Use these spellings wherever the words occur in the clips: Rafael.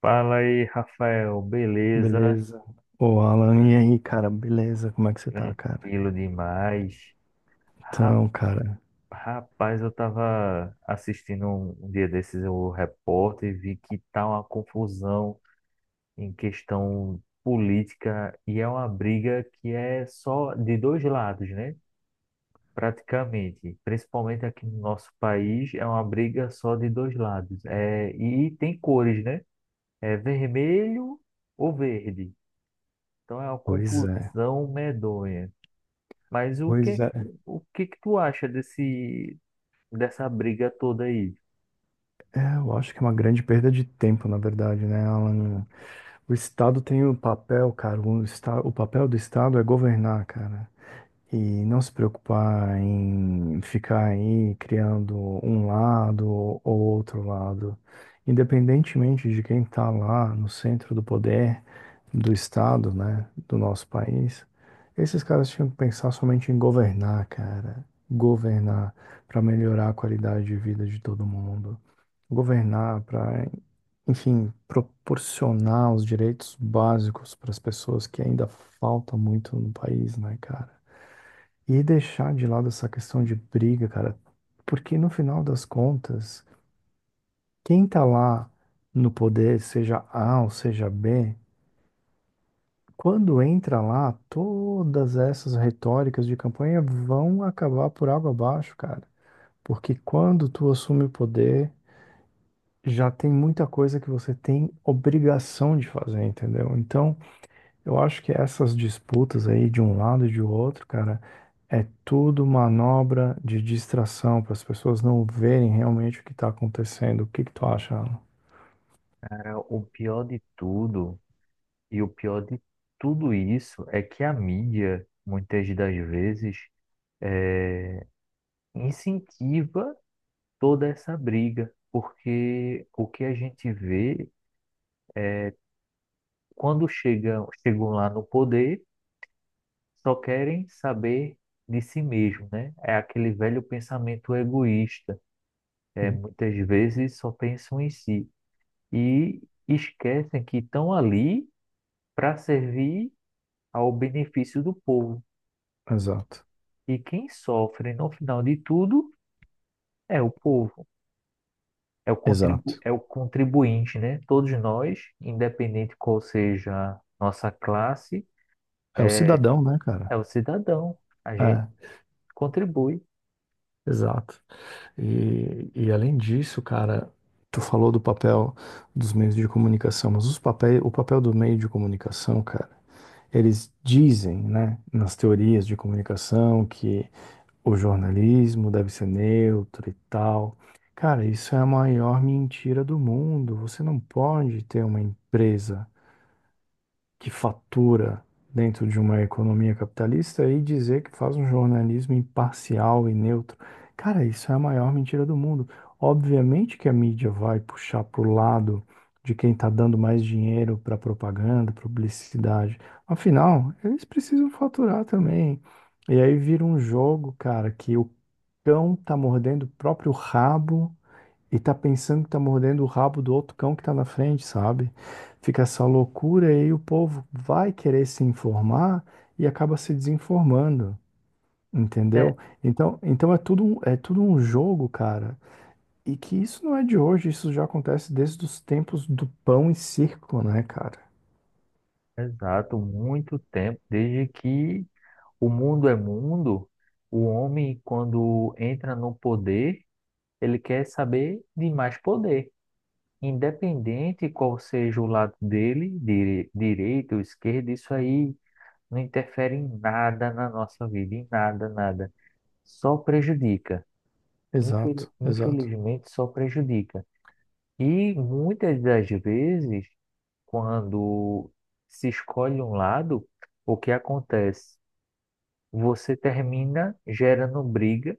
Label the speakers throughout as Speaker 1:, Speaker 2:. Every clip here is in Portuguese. Speaker 1: Fala aí, Rafael. Beleza?
Speaker 2: Beleza. Ô, Alan, e aí, cara? Beleza? Como é que você tá, cara?
Speaker 1: Tranquilo demais. Ra-
Speaker 2: Então, cara,
Speaker 1: Rapaz, eu tava assistindo um dia desses o repórter e vi que tá uma confusão em questão política e é uma briga que é só de dois lados, né? Praticamente, principalmente aqui no nosso país, é uma briga só de dois lados. É, e tem cores, né? É vermelho ou verde. Então é uma
Speaker 2: pois é.
Speaker 1: confusão medonha.
Speaker 2: Pois é.
Speaker 1: O que que tu acha dessa briga toda aí?
Speaker 2: É, eu acho que é uma grande perda de tempo, na verdade, né, Alan? O Estado tem o papel, cara. O papel do Estado é governar, cara. E não se preocupar em ficar aí criando um lado ou outro lado. Independentemente de quem está lá no centro do poder do Estado, né, do nosso país, esses caras tinham que pensar somente em governar, cara. Governar para melhorar a qualidade de vida de todo mundo. Governar para, enfim, proporcionar os direitos básicos para as pessoas que ainda falta muito no país, né, cara? E deixar de lado essa questão de briga, cara, porque no final das contas, quem tá lá no poder, seja A ou seja B, quando entra lá, todas essas retóricas de campanha vão acabar por água abaixo, cara. Porque quando tu assume o poder, já tem muita coisa que você tem obrigação de fazer, entendeu? Então, eu acho que essas disputas aí de um lado e de outro, cara, é tudo manobra de distração para as pessoas não verem realmente o que está acontecendo. O que que tu acha, Alan?
Speaker 1: Cara, o pior de tudo, e o pior de tudo isso, é que a mídia, muitas das vezes, é, incentiva toda essa briga, porque o que a gente vê, chegam lá no poder, só querem saber de si mesmo, né? É aquele velho pensamento egoísta. É,
Speaker 2: Sim.
Speaker 1: muitas vezes só pensam em si. E esquecem que estão ali para servir ao benefício do povo.
Speaker 2: Exato,
Speaker 1: E quem sofre no final de tudo é o povo, é o contribu
Speaker 2: exato.
Speaker 1: é o contribuinte, né? Todos nós, independente qual seja nossa classe,
Speaker 2: É o
Speaker 1: é,
Speaker 2: cidadão, né, cara?
Speaker 1: é o cidadão. A gente
Speaker 2: É,
Speaker 1: contribui.
Speaker 2: exato. E, além disso, cara, tu falou do papel dos meios de comunicação, mas o papel do meio de comunicação, cara, eles dizem, né, nas teorias de comunicação que o jornalismo deve ser neutro e tal. Cara, isso é a maior mentira do mundo. Você não pode ter uma empresa que fatura dentro de uma economia capitalista e dizer que faz um jornalismo imparcial e neutro. Cara, isso é a maior mentira do mundo. Obviamente que a mídia vai puxar pro lado de quem está dando mais dinheiro para propaganda, publicidade. Afinal, eles precisam faturar também. E aí vira um jogo, cara, que o cão tá mordendo o próprio rabo e tá pensando que tá mordendo o rabo do outro cão que tá na frente, sabe? Fica essa loucura e aí o povo vai querer se informar e acaba se desinformando,
Speaker 1: É,
Speaker 2: entendeu? Então, é tudo um jogo, cara. E que isso não é de hoje, isso já acontece desde os tempos do pão e circo, né, cara?
Speaker 1: exato, muito tempo, desde que o mundo é mundo, o homem, quando entra no poder, ele quer saber de mais poder. Independente qual seja o lado dele, direito ou esquerdo, isso aí não interfere em nada na nossa vida, em nada, nada. Só prejudica.
Speaker 2: Exato, exato.
Speaker 1: Infelizmente, só prejudica. E muitas das vezes, quando se escolhe um lado, o que acontece? Você termina gerando briga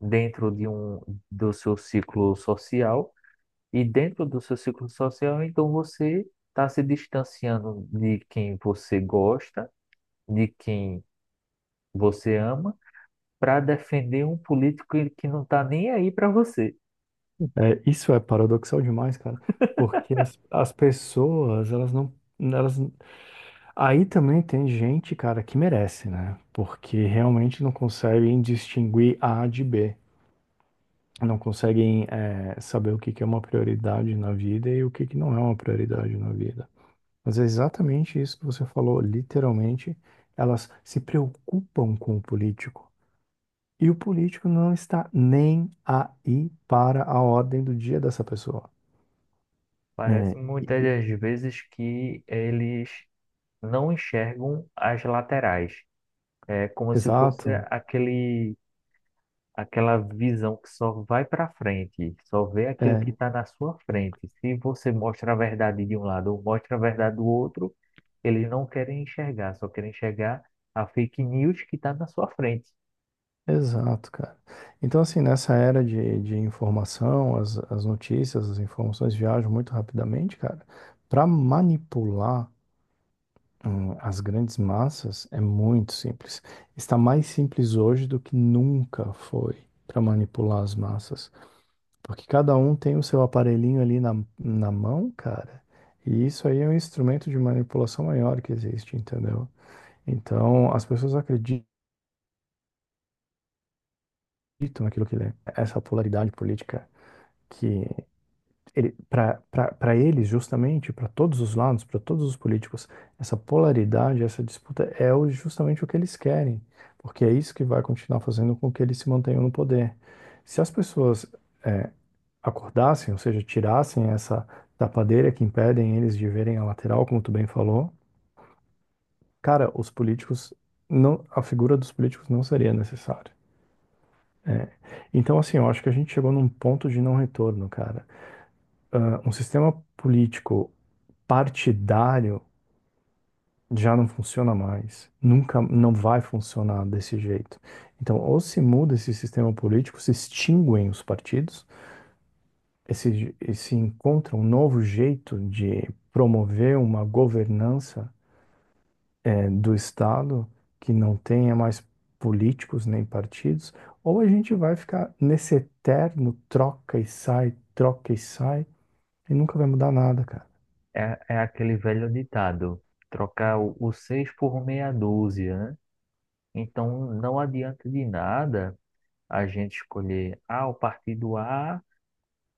Speaker 1: dentro de um, do seu ciclo social. E dentro do seu ciclo social, então você está se distanciando de quem você gosta, de quem você ama, para defender um político que não está nem aí para você.
Speaker 2: É, isso é paradoxal demais, cara, porque as pessoas, elas não, elas aí também tem gente, cara, que merece, né? Porque realmente não conseguem distinguir A de B. Não conseguem, saber o que que é uma prioridade na vida e o que que não é uma prioridade na vida. Mas é exatamente isso que você falou, literalmente. Elas se preocupam com o político. E o político não está nem aí para a ordem do dia dessa pessoa.
Speaker 1: Parece
Speaker 2: É, e-
Speaker 1: muitas
Speaker 2: e-
Speaker 1: das vezes que eles não enxergam as laterais. É como se fosse
Speaker 2: exato.
Speaker 1: aquele aquela visão que só vai para frente, só vê aquilo que
Speaker 2: É,
Speaker 1: está na sua frente. Se você mostra a verdade de um lado ou mostra a verdade do outro, eles não querem enxergar, só querem enxergar a fake news que está na sua frente.
Speaker 2: exato, cara. Então, assim, nessa era de informação, as notícias, as informações viajam muito rapidamente, cara. Para manipular, as grandes massas é muito simples. Está mais simples hoje do que nunca foi para manipular as massas. Porque cada um tem o seu aparelhinho ali na mão, cara. E isso aí é um instrumento de manipulação maior que existe, entendeu? Então, as pessoas acreditam naquilo que lê. Essa polaridade política. que Para eles, justamente, para todos os lados, para todos os políticos, essa polaridade, essa disputa justamente o que eles querem, porque é isso que vai continuar fazendo com que eles se mantenham no poder. Se as pessoas eh, acordassem, ou seja, tirassem essa tapadeira que impedem eles de verem a lateral, como tu bem falou, cara, os políticos não, a figura dos políticos não seria necessária. É. Então, assim, eu acho que a gente chegou num ponto de não retorno, cara. Ah, um sistema político partidário já não funciona mais. Nunca, não vai funcionar desse jeito. Então, ou se muda esse sistema político, se extinguem os partidos, e se encontra um novo jeito de promover uma governança, do Estado que não tenha mais políticos nem partidos, ou a gente vai ficar nesse eterno troca e sai, e nunca vai mudar nada, cara.
Speaker 1: É, é aquele velho ditado, trocar o seis por meia dúzia, né? Então não adianta de nada a gente escolher, ah, o partido A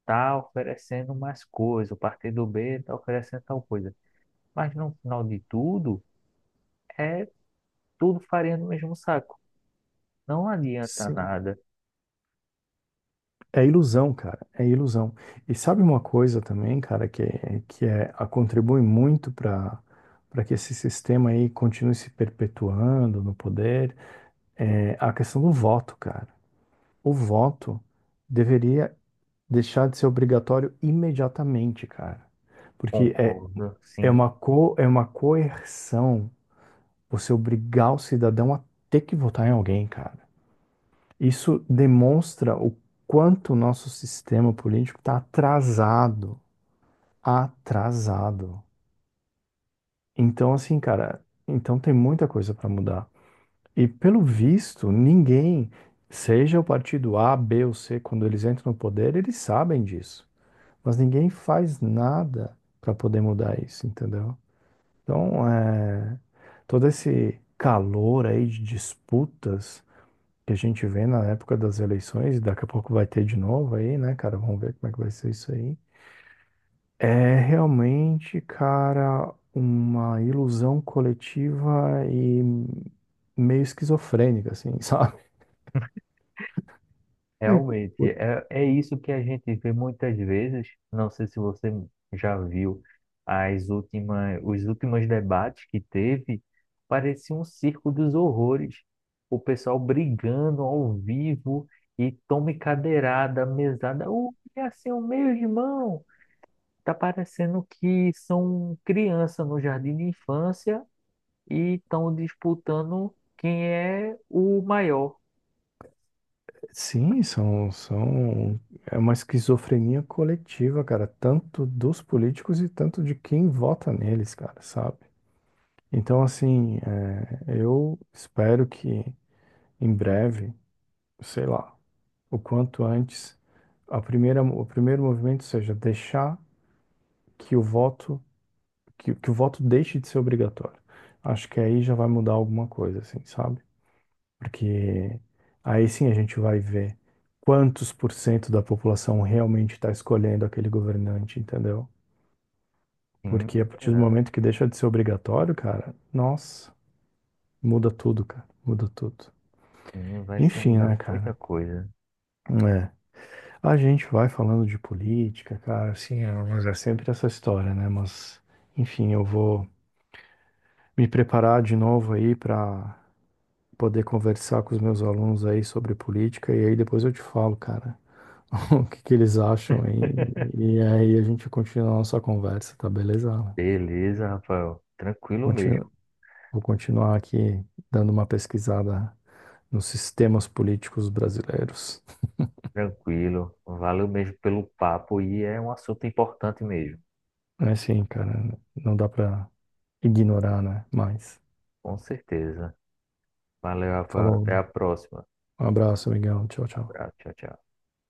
Speaker 1: está oferecendo mais coisa, o partido B está oferecendo tal coisa. Mas no final de tudo, é tudo farinha no mesmo saco. Não adianta
Speaker 2: Sim.
Speaker 1: nada.
Speaker 2: É ilusão, cara, é ilusão. E sabe uma coisa também, cara, contribui muito para que esse sistema aí continue se perpetuando no poder, é a questão do voto, cara. O voto deveria deixar de ser obrigatório imediatamente, cara. Porque é,
Speaker 1: Concordo, sim.
Speaker 2: é uma coerção você obrigar o cidadão a ter que votar em alguém, cara. Isso demonstra o quanto o nosso sistema político está atrasado. Então, assim, cara, então tem muita coisa para mudar. E pelo visto, ninguém, seja o partido A, B ou C, quando eles entram no poder, eles sabem disso. Mas ninguém faz nada para poder mudar isso, entendeu? Então, é, todo esse calor aí de disputas que a gente vê na época das eleições, e daqui a pouco vai ter de novo aí, né, cara? Vamos ver como é que vai ser isso aí. É realmente, cara, uma ilusão coletiva e meio esquizofrênica, assim, sabe?
Speaker 1: Realmente, é, é isso que a gente vê muitas vezes. Não sei se você já viu os últimos debates que teve. Parecia um circo dos horrores. O pessoal brigando ao vivo e tome cadeirada, mesada. O que é assim seu meu irmão? Tá parecendo que são criança no jardim de infância e estão disputando quem é o maior.
Speaker 2: Sim, são, são... É uma esquizofrenia coletiva, cara, tanto dos políticos e tanto de quem vota neles, cara, sabe? Então, assim, é, eu espero que em breve, sei lá, o quanto antes o primeiro movimento seja deixar que o voto que o voto deixe de ser obrigatório. Acho que aí já vai mudar alguma coisa, assim, sabe? Porque aí sim a gente vai ver quantos por cento da população realmente está escolhendo aquele governante, entendeu? Porque
Speaker 1: Sim,
Speaker 2: a partir do
Speaker 1: verdade.
Speaker 2: momento que deixa de ser obrigatório, cara, nossa, muda tudo, cara, muda tudo.
Speaker 1: Sim, vai se
Speaker 2: Enfim,
Speaker 1: mudar
Speaker 2: né,
Speaker 1: muita
Speaker 2: cara?
Speaker 1: coisa.
Speaker 2: É. A gente vai falando de política, cara, assim, é, mas é sempre essa história, né? Mas, enfim, eu vou me preparar de novo aí para poder conversar com os meus alunos aí sobre política e aí depois eu te falo, cara, o que que eles acham aí. E aí a gente continua a nossa conversa, tá beleza? Alan?
Speaker 1: Beleza, Rafael. Tranquilo mesmo.
Speaker 2: Continu- Vou continuar aqui dando uma pesquisada nos sistemas políticos brasileiros.
Speaker 1: Tranquilo. Valeu mesmo pelo papo e é um assunto importante mesmo.
Speaker 2: É assim, cara, não dá para ignorar, né? Mas,
Speaker 1: Com certeza. Valeu, Rafael.
Speaker 2: falou.
Speaker 1: Até a próxima.
Speaker 2: Um abraço, Miguel. Tchau, tchau.
Speaker 1: Abraço. Tchau, tchau.